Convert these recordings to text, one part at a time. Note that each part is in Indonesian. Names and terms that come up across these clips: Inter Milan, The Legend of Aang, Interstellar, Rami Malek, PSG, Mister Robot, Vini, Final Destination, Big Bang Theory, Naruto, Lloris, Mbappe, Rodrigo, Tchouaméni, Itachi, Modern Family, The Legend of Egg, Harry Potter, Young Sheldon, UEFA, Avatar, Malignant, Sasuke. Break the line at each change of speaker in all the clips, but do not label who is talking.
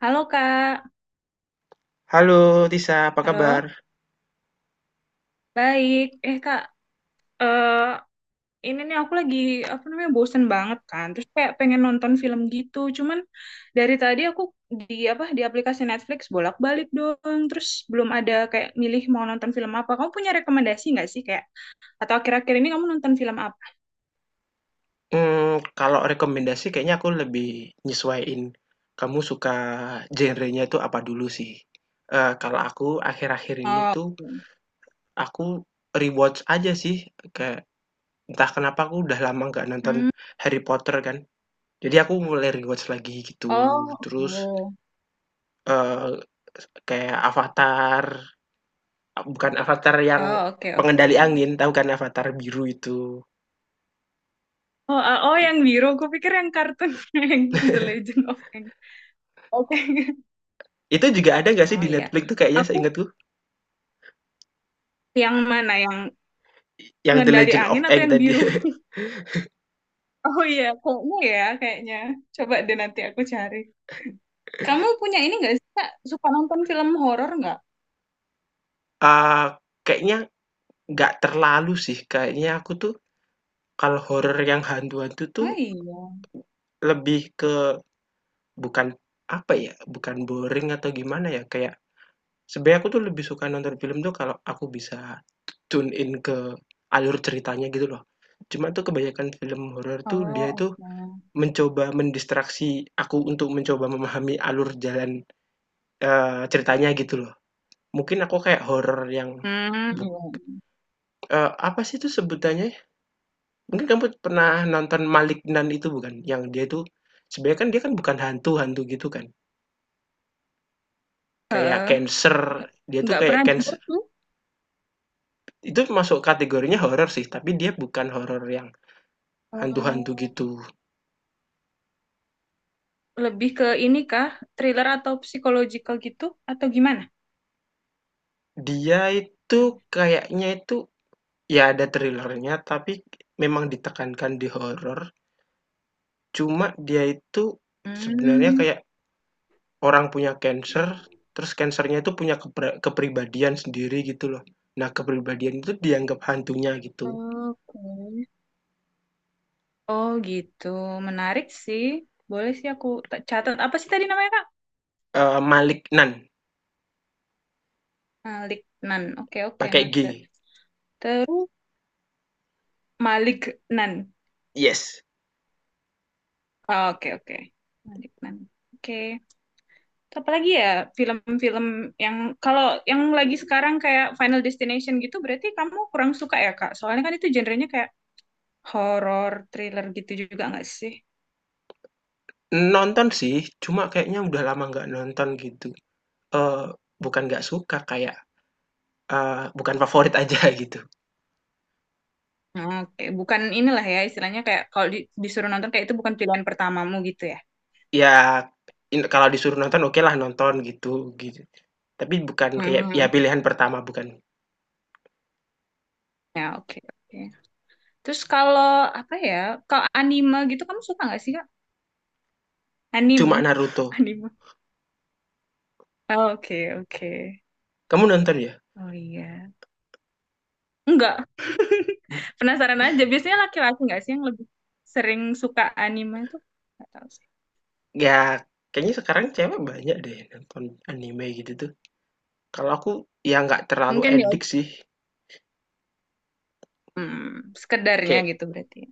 Halo Kak,
Halo Tisa, apa kabar?
halo, baik. Eh Kak, eh ini nih aku lagi apa namanya bosen banget kan. Terus kayak pengen nonton film gitu. Cuman dari tadi aku di apa di aplikasi Netflix bolak-balik dong. Terus belum ada kayak milih mau nonton film apa. Kamu punya rekomendasi nggak sih kayak? Atau akhir-akhir ini kamu nonton film apa?
Kalau rekomendasi kayaknya aku lebih nyesuaiin, kamu suka genrenya itu apa dulu sih. Kalau aku akhir-akhir ini
Oh,
tuh aku rewatch aja sih, kayak entah kenapa aku udah lama nggak nonton
hmm.
Harry Potter kan, jadi aku mulai rewatch lagi gitu.
Oh,
Terus,
oh,
eee, kayak Avatar, bukan Avatar yang
oh, oke oke.
pengendali angin, tahu kan Avatar biru itu.
Oh, ah, oh yang biru. Aku pikir yang kartun yang The Legend of Aang. Oke.
Itu juga ada nggak sih
Oh
di
iya.
Netflix tuh kayaknya
Aku
seingatku?
Yang mana? Yang
Yang The
pengendali
Legend
angin
of
atau
Egg
yang
tadi,
biru? Oh iya, kayaknya ya, kayaknya. Coba deh nanti aku cari. Kamu punya ini nggak sih, Kak? Suka nonton film horor nggak?
eee, kayaknya nggak terlalu sih, kayaknya aku tuh kalau horor yang hantu-hantu tuh
Oh iya.
lebih ke bukan, apa ya, bukan boring atau gimana ya, kayak sebenarnya aku tuh lebih suka nonton film tuh kalau aku bisa tune in ke alur ceritanya gitu loh. Cuma tuh kebanyakan film horor tuh
Oh,
dia itu
oke.
mencoba mendistraksi aku untuk mencoba memahami alur jalan, ceritanya gitu loh. Mungkin aku kayak horor yang
Hmm,
buk
iya.
apa sih itu sebutannya. Mungkin kamu pernah nonton Malignant itu bukan? Yang dia tuh sebenarnya kan dia kan bukan hantu-hantu gitu kan. Kayak
Heeh.
cancer,
Nggak
dia tuh
nggak
kayak
pernah dengar
cancer.
tuh.
Itu masuk kategorinya horor sih, tapi dia bukan horor yang hantu-hantu
Hmm,
gitu.
lebih ke ini kah? Thriller atau psychological gitu? Atau gimana?
Dia itu kayaknya itu ya ada thrillernya, tapi memang ditekankan di horor. Cuma dia itu sebenarnya
Hmm,
kayak orang punya cancer, terus cancernya itu punya kepribadian sendiri gitu loh. Nah, kepribadian itu dianggap hantunya gitu.
oke. Oh gitu. Menarik sih. Boleh sih aku catat. Apa sih tadi namanya, Kak?
Maliknan,
Malik Nan. Oke, oke,
pakai
noted.
G.
Terus Malik Nan.
Yes.
Ah, oke, oke. Malik Nan. Oke. Apa lagi ya film-film yang kalau yang lagi sekarang kayak Final Destination gitu berarti kamu kurang suka ya, Kak? Soalnya kan itu genrenya kayak horor, thriller gitu juga nggak sih?
Nonton sih, cuma kayaknya udah lama nggak nonton gitu. Eee, Bukan nggak suka, kayak, bukan favorit aja gitu.
Oke, bukan inilah ya istilahnya kayak kalau disuruh nonton kayak itu bukan pilihan pertamamu gitu ya.
Ya, in kalau disuruh nonton okelah nonton gitu gitu, tapi bukan kayak ya
Hmm.
pilihan pertama bukan,
Ya, oke, oke. Terus kalau apa ya? Kalau anime gitu kamu suka nggak sih, Kak?
cuma
Anim.
Naruto.
Anime. Oh, oke, oke.
Kamu nonton ya?
Oh iya. Enggak.
Hmm,
Penasaran aja. Biasanya laki-laki nggak sih yang lebih sering suka anime itu? Nggak tahu sih.
ya kayaknya sekarang cewek banyak deh nonton anime gitu tuh. Kalau aku ya nggak terlalu
Mungkin ya
edik sih,
hmm, sekedarnya
kayak
gitu berarti, ya.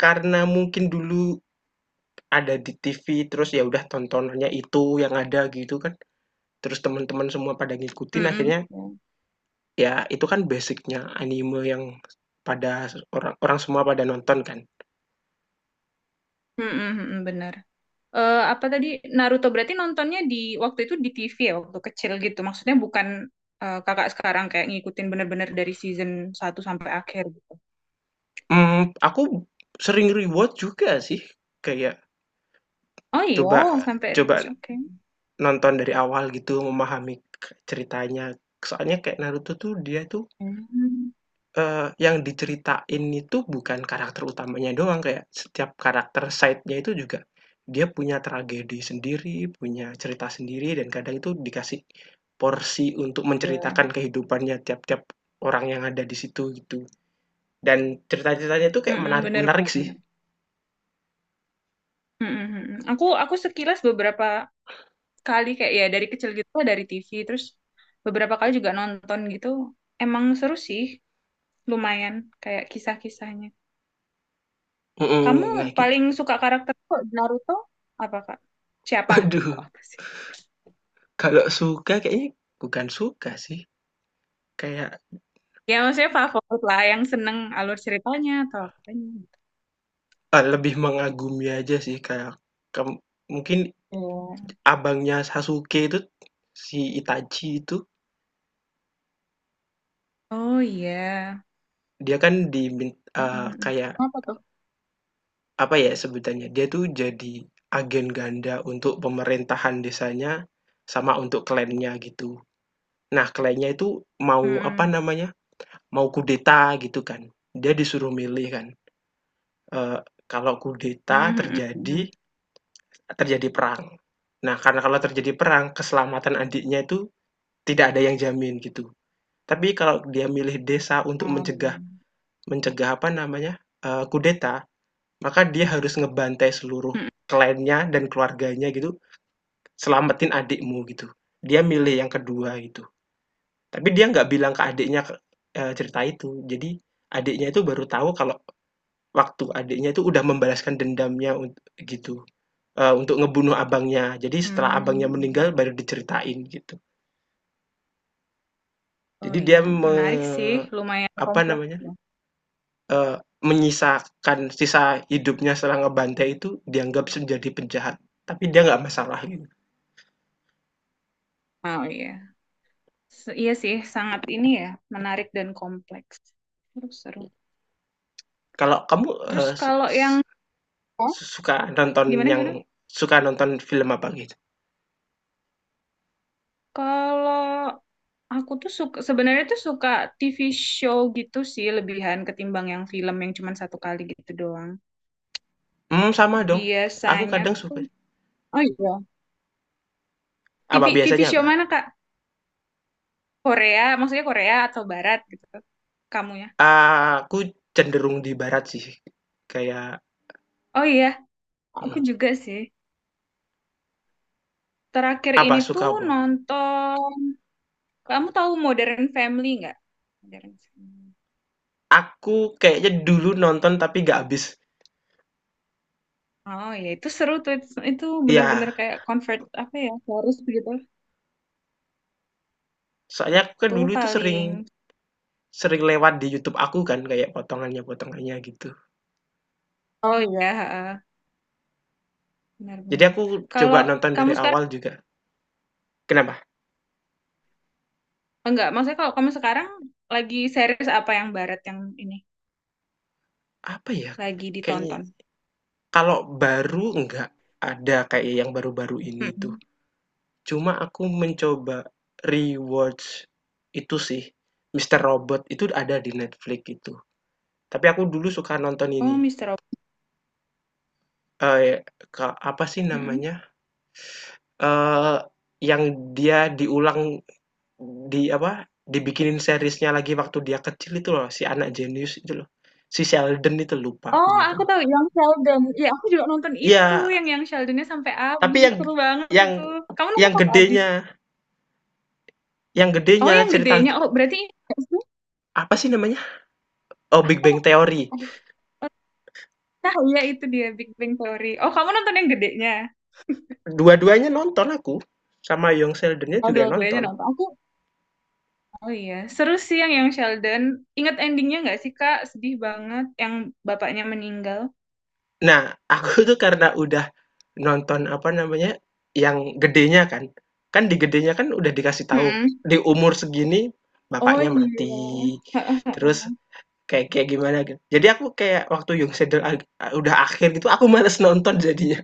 karena mungkin dulu ada di TV, terus ya udah tontonannya itu yang ada gitu kan, terus teman-teman semua pada ngikutin
Mm-mm.
akhirnya ya itu kan basicnya anime yang pada orang orang semua pada nonton kan.
Mm-mm, mm-mm, benar. Apa tadi Naruto berarti nontonnya di waktu itu di TV ya waktu kecil gitu. Maksudnya bukan kakak sekarang kayak ngikutin bener-bener dari season satu sampai akhir gitu.
Aku sering rewatch juga sih, kayak
Oh iya,
coba
sampai
coba
rewatch. Oke.
nonton dari awal gitu memahami ceritanya, soalnya kayak Naruto tuh dia tuh
Hmm,
Yang diceritain itu bukan karakter utamanya doang, kayak setiap karakter side-nya itu juga dia punya tragedi sendiri, punya cerita sendiri, dan kadang itu dikasih porsi untuk menceritakan
iya.
kehidupannya tiap-tiap orang yang ada di situ, gitu. Dan cerita-ceritanya itu kayak
Mm-mm, bener,
menarik-menarik sih.
bener. Mm, mm, mm. Aku sekilas beberapa kali kayak ya dari kecil gitu dari TV terus beberapa kali juga nonton gitu. Emang seru sih, lumayan kayak kisah-kisahnya. Kamu
Mhm, nah git
paling suka karakter kok di Naruto apa Kak? Siapa?
waduh,
Kok apa sih?
kalau suka kayaknya bukan suka sih, kayak,
Ya maksudnya favorit lah yang seneng alur ceritanya atau apanya gitu.
lebih mengagumi aja sih, kayak kem mungkin
Oh,
abangnya Sasuke itu, si Itachi itu,
oh iya.
dia kan di
Mm, mm, mm, mm.
kayak
Apa tuh?
apa ya sebutannya, dia tuh jadi agen ganda untuk pemerintahan desanya sama untuk klannya gitu. Nah, klannya itu mau apa
Mm,
namanya, mau kudeta gitu kan. Dia disuruh milih kan, eee, kalau
mm.
kudeta
Mm, mm, mm,
terjadi
mm.
terjadi perang. Nah, karena kalau terjadi perang keselamatan adiknya itu tidak ada yang jamin gitu. Tapi kalau dia milih desa untuk
Ah, iya.
mencegah. Mencegah apa namanya, kudeta, maka dia harus ngebantai seluruh
Mm,
kliennya dan keluarganya gitu, "Selamatin adikmu," gitu. Dia milih yang kedua gitu, tapi dia nggak bilang ke adiknya ke eh, cerita itu. Jadi adiknya itu baru tahu kalau waktu adiknya itu udah membalaskan dendamnya unt gitu, untuk ngebunuh abangnya. Jadi setelah abangnya meninggal
mm.
baru diceritain gitu.
Oh
Jadi dia
iya,
me
menarik sih, lumayan
apa
kompleks
namanya,
ya.
Menyisakan sisa hidupnya setelah ngebantai itu dianggap menjadi penjahat, tapi dia nggak masalah gitu.
Oh iya, iya sih, sangat ini ya, menarik dan kompleks. Terus seru.
Kalau kamu,
Terus
su
kalau yang oh,
su suka nonton
gimana
yang
gimana?
suka nonton film apa gitu?
Kalau aku tuh suka sebenarnya tuh suka TV show gitu sih lebihan ketimbang yang film yang cuma satu kali gitu doang.
Hmm, sama dong, aku
Biasanya
kadang
tuh
suka
oh iya,
apa
TV TV
biasanya
show
apa?
mana Kak? Korea, maksudnya Korea atau Barat gitu. Kamu ya?
Aku cenderung di barat sih, kayak
Oh iya, aku
mhm,
juga sih. Terakhir
apa
ini
suka
tuh
apa?
nonton, kamu tahu Modern Family nggak? Modern Family.
Aku kayaknya dulu nonton tapi nggak habis.
Oh ya itu seru tuh, itu
Iya,
bener-bener kayak convert apa ya, harus gitu.
soalnya aku kan
Itu
dulu itu sering
paling,
sering lewat di YouTube aku kan kayak potongannya-potongannya gitu.
oh ya heeh,
Jadi
benar-benar.
aku
Kalau
coba nonton
kamu
dari
sekarang,
awal juga. Kenapa?
enggak, maksudnya kalau kamu sekarang lagi series apa yang barat yang ini,
Apa ya,
lagi
kayaknya
ditonton?
kalau baru nggak ada kayak yang baru-baru ini tuh.
Mm-mm.
Cuma aku mencoba rewatch itu sih, Mister Robot itu ada di Netflix itu. Tapi aku dulu suka nonton ini.
Oh Mister Robot.
Eh, ke- apa sih
Mm-mm.
namanya? Eh, yang dia diulang di apa? Dibikinin seriesnya lagi waktu dia kecil itu loh, si anak jenius itu loh. Si Sheldon itu lupa aku
Oh, aku
namanya.
tahu yang Sheldon. Ya, aku juga nonton itu
Iya,
yang Sheldonnya sampai
tapi
habis.
yang
Seru banget
yang
itu. Kamu nonton
yang
sampai habis?
gedenya
Oh, yang
cerita
gedenya. Oh, berarti ini nggak sih?
apa sih namanya? Oh, Big Bang
Apa?
Theory.
Nah, iya itu dia Big Bang Theory. Oh, kamu nonton yang gedenya.
Dua-duanya nonton aku, sama Young Sheldon-nya
Oh,
juga
dua-duanya
nonton.
nonton. Aku, oh iya. Seru sih yang Sheldon. Ingat endingnya nggak sih, Kak? Sedih banget yang bapaknya meninggal.
Nah, aku tuh karena udah nonton apa namanya, yang gedenya kan. Kan di gedenya kan udah dikasih tahu,
Mm-mm.
di umur segini
Oh
bapaknya
iya.
mati. Terus kayak kayak gimana gitu. Jadi aku kayak waktu udah akhir gitu aku males nonton jadinya.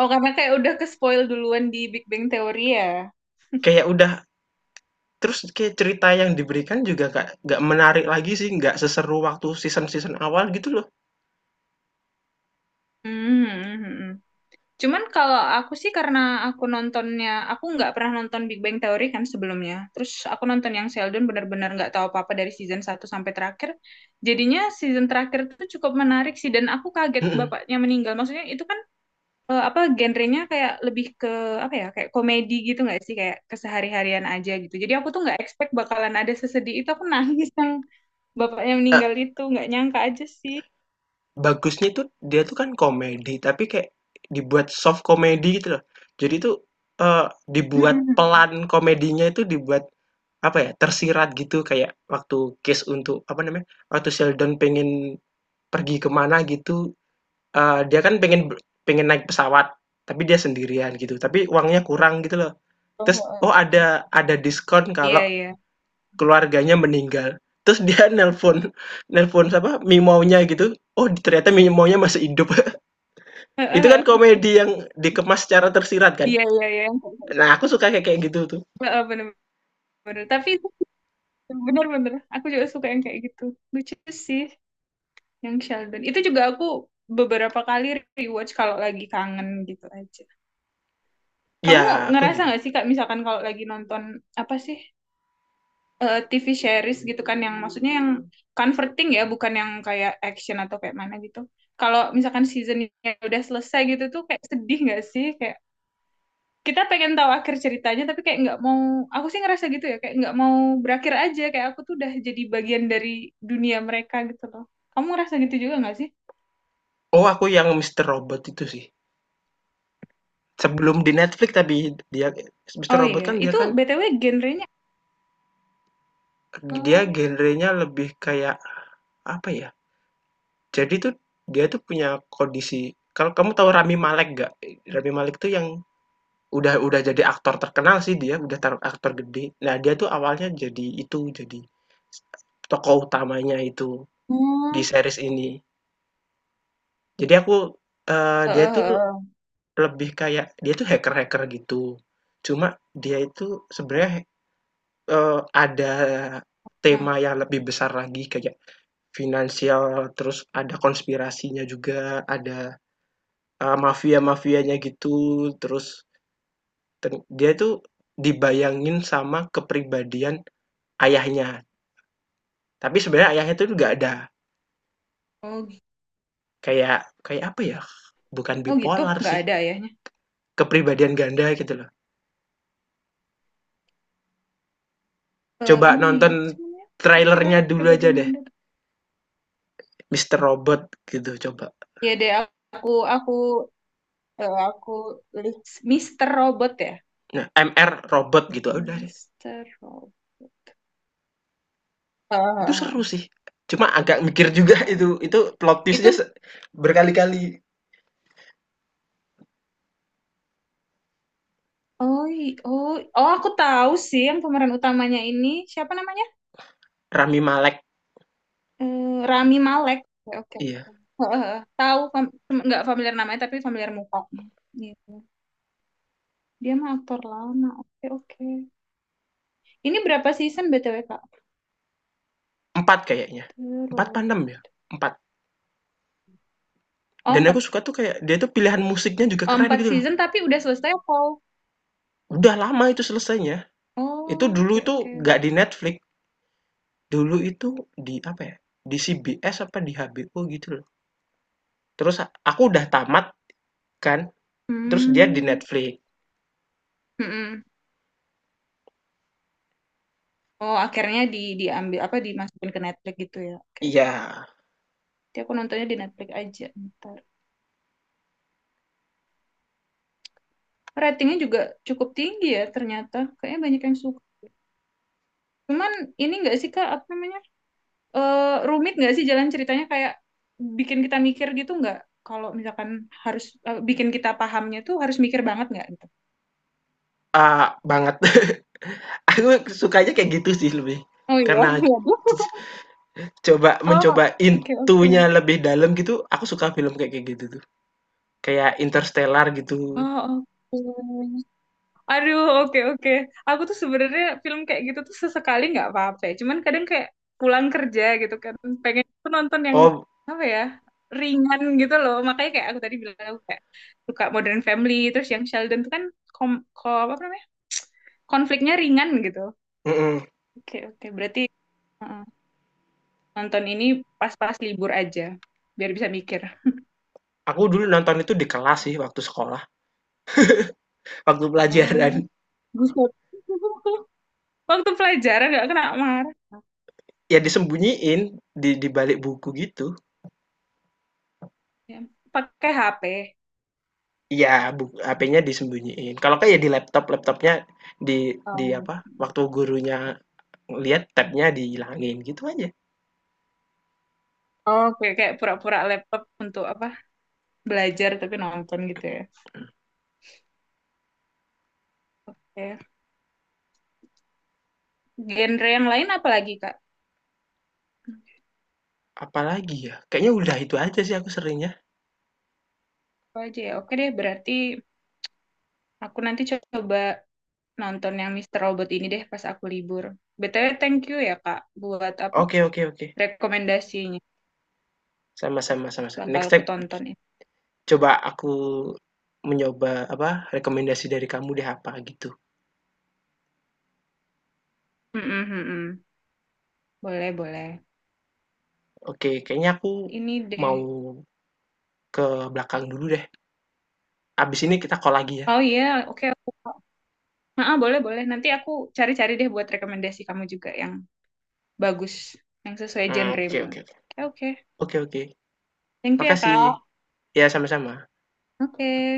Oh, karena kayak udah ke spoil duluan di Big Bang Theory ya.
Kayak udah. Terus kayak cerita yang diberikan juga nggak menarik lagi sih, nggak seseru waktu season-season awal gitu loh.
Hmm. Cuman kalau aku sih karena aku nontonnya, aku nggak pernah nonton Big Bang Theory kan sebelumnya. Terus aku nonton yang Sheldon benar-benar nggak tahu apa-apa dari season satu sampai terakhir. Jadinya season terakhir itu cukup menarik sih dan aku kaget
Mhm.
bapaknya meninggal. Maksudnya itu kan apa genrenya kayak lebih ke apa ya? Kayak komedi gitu nggak sih? Kayak kesehari-harian aja gitu. Jadi aku tuh nggak expect bakalan ada sesedih itu. Aku nangis yang bapaknya
Eee,
meninggal itu nggak nyangka aja sih.
Bagusnya tuh dia tuh kan komedi, tapi kayak dibuat soft komedi gitu loh. Jadi tuh, eee, dibuat
Mm-mm.
pelan komedinya itu dibuat, apa ya, tersirat gitu kayak waktu case untuk apa namanya, waktu Sheldon pengen pergi kemana gitu, dia kan pengen pengen naik pesawat, tapi dia sendirian gitu, tapi uangnya kurang gitu loh.
Oh,
Terus,
oh,
oh
oh.
ada diskon
Iya,
kalau
iya.
keluarganya meninggal. Terus dia nelpon nelpon siapa, Mimaunya gitu, oh ternyata Mimaunya masih hidup. Itu kan komedi yang dikemas secara tersirat kan.
Iya, iya, iya.
Nah, aku suka kayak kayak gitu tuh.
Heeh, bener-bener. Tapi itu bener-bener, aku juga suka yang kayak gitu. Lucu sih yang Sheldon. Itu juga aku beberapa kali rewatch kalau lagi kangen gitu aja.
Ya,
Kamu
aku
ngerasa
juga.
nggak sih Kak, misalkan kalau lagi nonton apa sih TV series gitu kan, yang maksudnya yang comforting ya, bukan yang kayak action atau kayak mana gitu. Kalau misalkan seasonnya udah selesai gitu tuh kayak sedih nggak sih? Kayak kita pengen tahu akhir ceritanya tapi kayak nggak mau. Aku sih ngerasa gitu ya, kayak nggak mau berakhir aja, kayak aku tuh udah jadi bagian dari dunia mereka gitu loh. Kamu ngerasa gitu juga nggak sih?
Oh, aku yang Mister Robot itu sih. Sebelum di Netflix tapi dia Mister
Oh
Robot
iya itu
kan
btw genrenya.
dia
Oh,
genrenya lebih kayak apa ya, jadi tuh dia tuh punya kondisi kalau kamu tahu Rami Malek nggak? Rami Malek tuh yang udah jadi aktor terkenal sih dia, udah tar aktor gede. Nah, dia tuh awalnya jadi itu, jadi tokoh utamanya itu di
oh.
series ini. Jadi aku, dia
Heeh,
tuh
heeh.
lebih kayak dia tuh hacker-hacker gitu. Cuma dia itu sebenarnya, eee, ada
Nah,
tema yang lebih besar lagi kayak finansial, terus ada konspirasinya juga, ada, mafia-mafianya gitu, terus ten dia tuh dibayangin sama kepribadian ayahnya, tapi sebenarnya ayahnya itu nggak ada,
oh
kayak kayak apa ya, bukan
oh gitu
bipolar
nggak
sih,
ada ayahnya.
kepribadian ganda gitu loh.
Eh
Coba
ini
nonton
apa sih namanya
trailernya
istilahnya
dulu aja
perbedaan
deh,
gender
Mister Robot gitu coba.
ya deh aku aku aku list Mister Robot ya
Nah, MR Robot gitu, ya udah deh,
Mister Robot. Heeh,
itu
heeh,
seru
heeh.
sih. Cuma agak mikir juga
Robot
itu plot twist
itu.
berkali-kali.
Oh, oh, oh, aku tahu sih yang pemeran utamanya ini siapa namanya?
Rami Malek,
Eh, Rami Malek. Oke, oke,
iya,
oke. Heeh, heeh. Tahu nggak familiar namanya tapi familiar muka. Gitu. Dia mah aktor lama. Oke, oke. Ini berapa season BTW, Kak?
4 kayaknya, empat
Terus.
pandem ya? Empat.
Oh,
Dan
empat.
aku suka tuh kayak dia tuh pilihan musiknya juga
Oh,
keren
empat
gitu loh.
season tapi udah selesai apa?
Udah lama itu selesainya, itu
Oh,
dulu
oke,
itu
oke.
nggak di Netflix. Dulu itu di apa ya, di CBS apa di HBO gitu loh. Terus aku udah tamat kan, terus dia di
Hmm.
Netflix.
Mm-mm. Oh, akhirnya diambil apa dimasukin ke Netflix gitu ya. Oke.
Iya,
Jadi aku nontonnya di Netflix aja. Ntar. Ratingnya juga cukup tinggi ya ternyata. Kayaknya banyak yang suka. Cuman ini nggak sih Kak, apa namanya? Eh, Rumit nggak sih jalan ceritanya kayak bikin kita mikir gitu nggak? Kalau misalkan harus bikin kita pahamnya tuh harus mikir banget nggak gitu?
banget. Aku sukanya kayak gitu sih lebih,
Oh iya,
karena mencoba
oh, oke
intunya
oke.
lebih dalam gitu, aku suka film kayak kayak gitu tuh. Kayak Interstellar gitu.
Oh, oke. Aduh, oke oke. Aku tuh sebenarnya film kayak gitu tuh sesekali nggak apa-apa, ya. Cuman kadang kayak pulang kerja gitu kan, pengen tuh nonton yang
Oh
apa ya ringan gitu loh. Makanya kayak aku tadi bilang aku kayak suka Modern Family, terus yang Sheldon tuh kan kom, apa namanya konfliknya ringan gitu.
mhm,
Oke oke. Berarti uh, nonton ini pas-pas libur aja, biar bisa mikir.
aku dulu nonton itu di kelas sih waktu sekolah, waktu pelajaran.
Oh, buset. Waktu pelajaran nggak kena marah.
Ya disembunyiin di balik buku gitu.
Ya. Pakai HP.
Iya, buk HP-nya disembunyiin, kalau nggak ya di laptop, laptopnya di di
Oh.
apa, waktu gurunya lihat tab-nya dihilangin, gitu aja.
Oh, kayak kayak pura-pura laptop untuk apa? Belajar tapi nonton gitu ya. Oke. Genre yang lain apa lagi, Kak?
Apalagi ya, kayaknya udah itu aja sih aku seringnya.
Apa aja ya? Oke deh, berarti aku nanti coba nonton yang Mister Robot ini deh pas aku libur. BTW, thank you ya, Kak, buat apa?
Oke oke oke,
Rekomendasinya.
sama-sama sama-sama,
Bakal
next
aku
step
tonton ya.
coba aku mencoba apa, rekomendasi dari kamu deh apa gitu.
Mm-mm, mm-mm. Boleh, boleh.
Oke, kayaknya aku
Ini
mau
deh.
ke belakang dulu deh, abis ini kita call lagi ya.
Oh iya, oke aku. Ah, boleh, boleh. Nanti aku cari-cari deh buat rekomendasi kamu juga yang bagus, yang sesuai
Oke
genremu.
oke
Oke, oke.
oke oke oke,
Thank you ya,
makasih.
Kak.
Ya sama-sama.
Oke.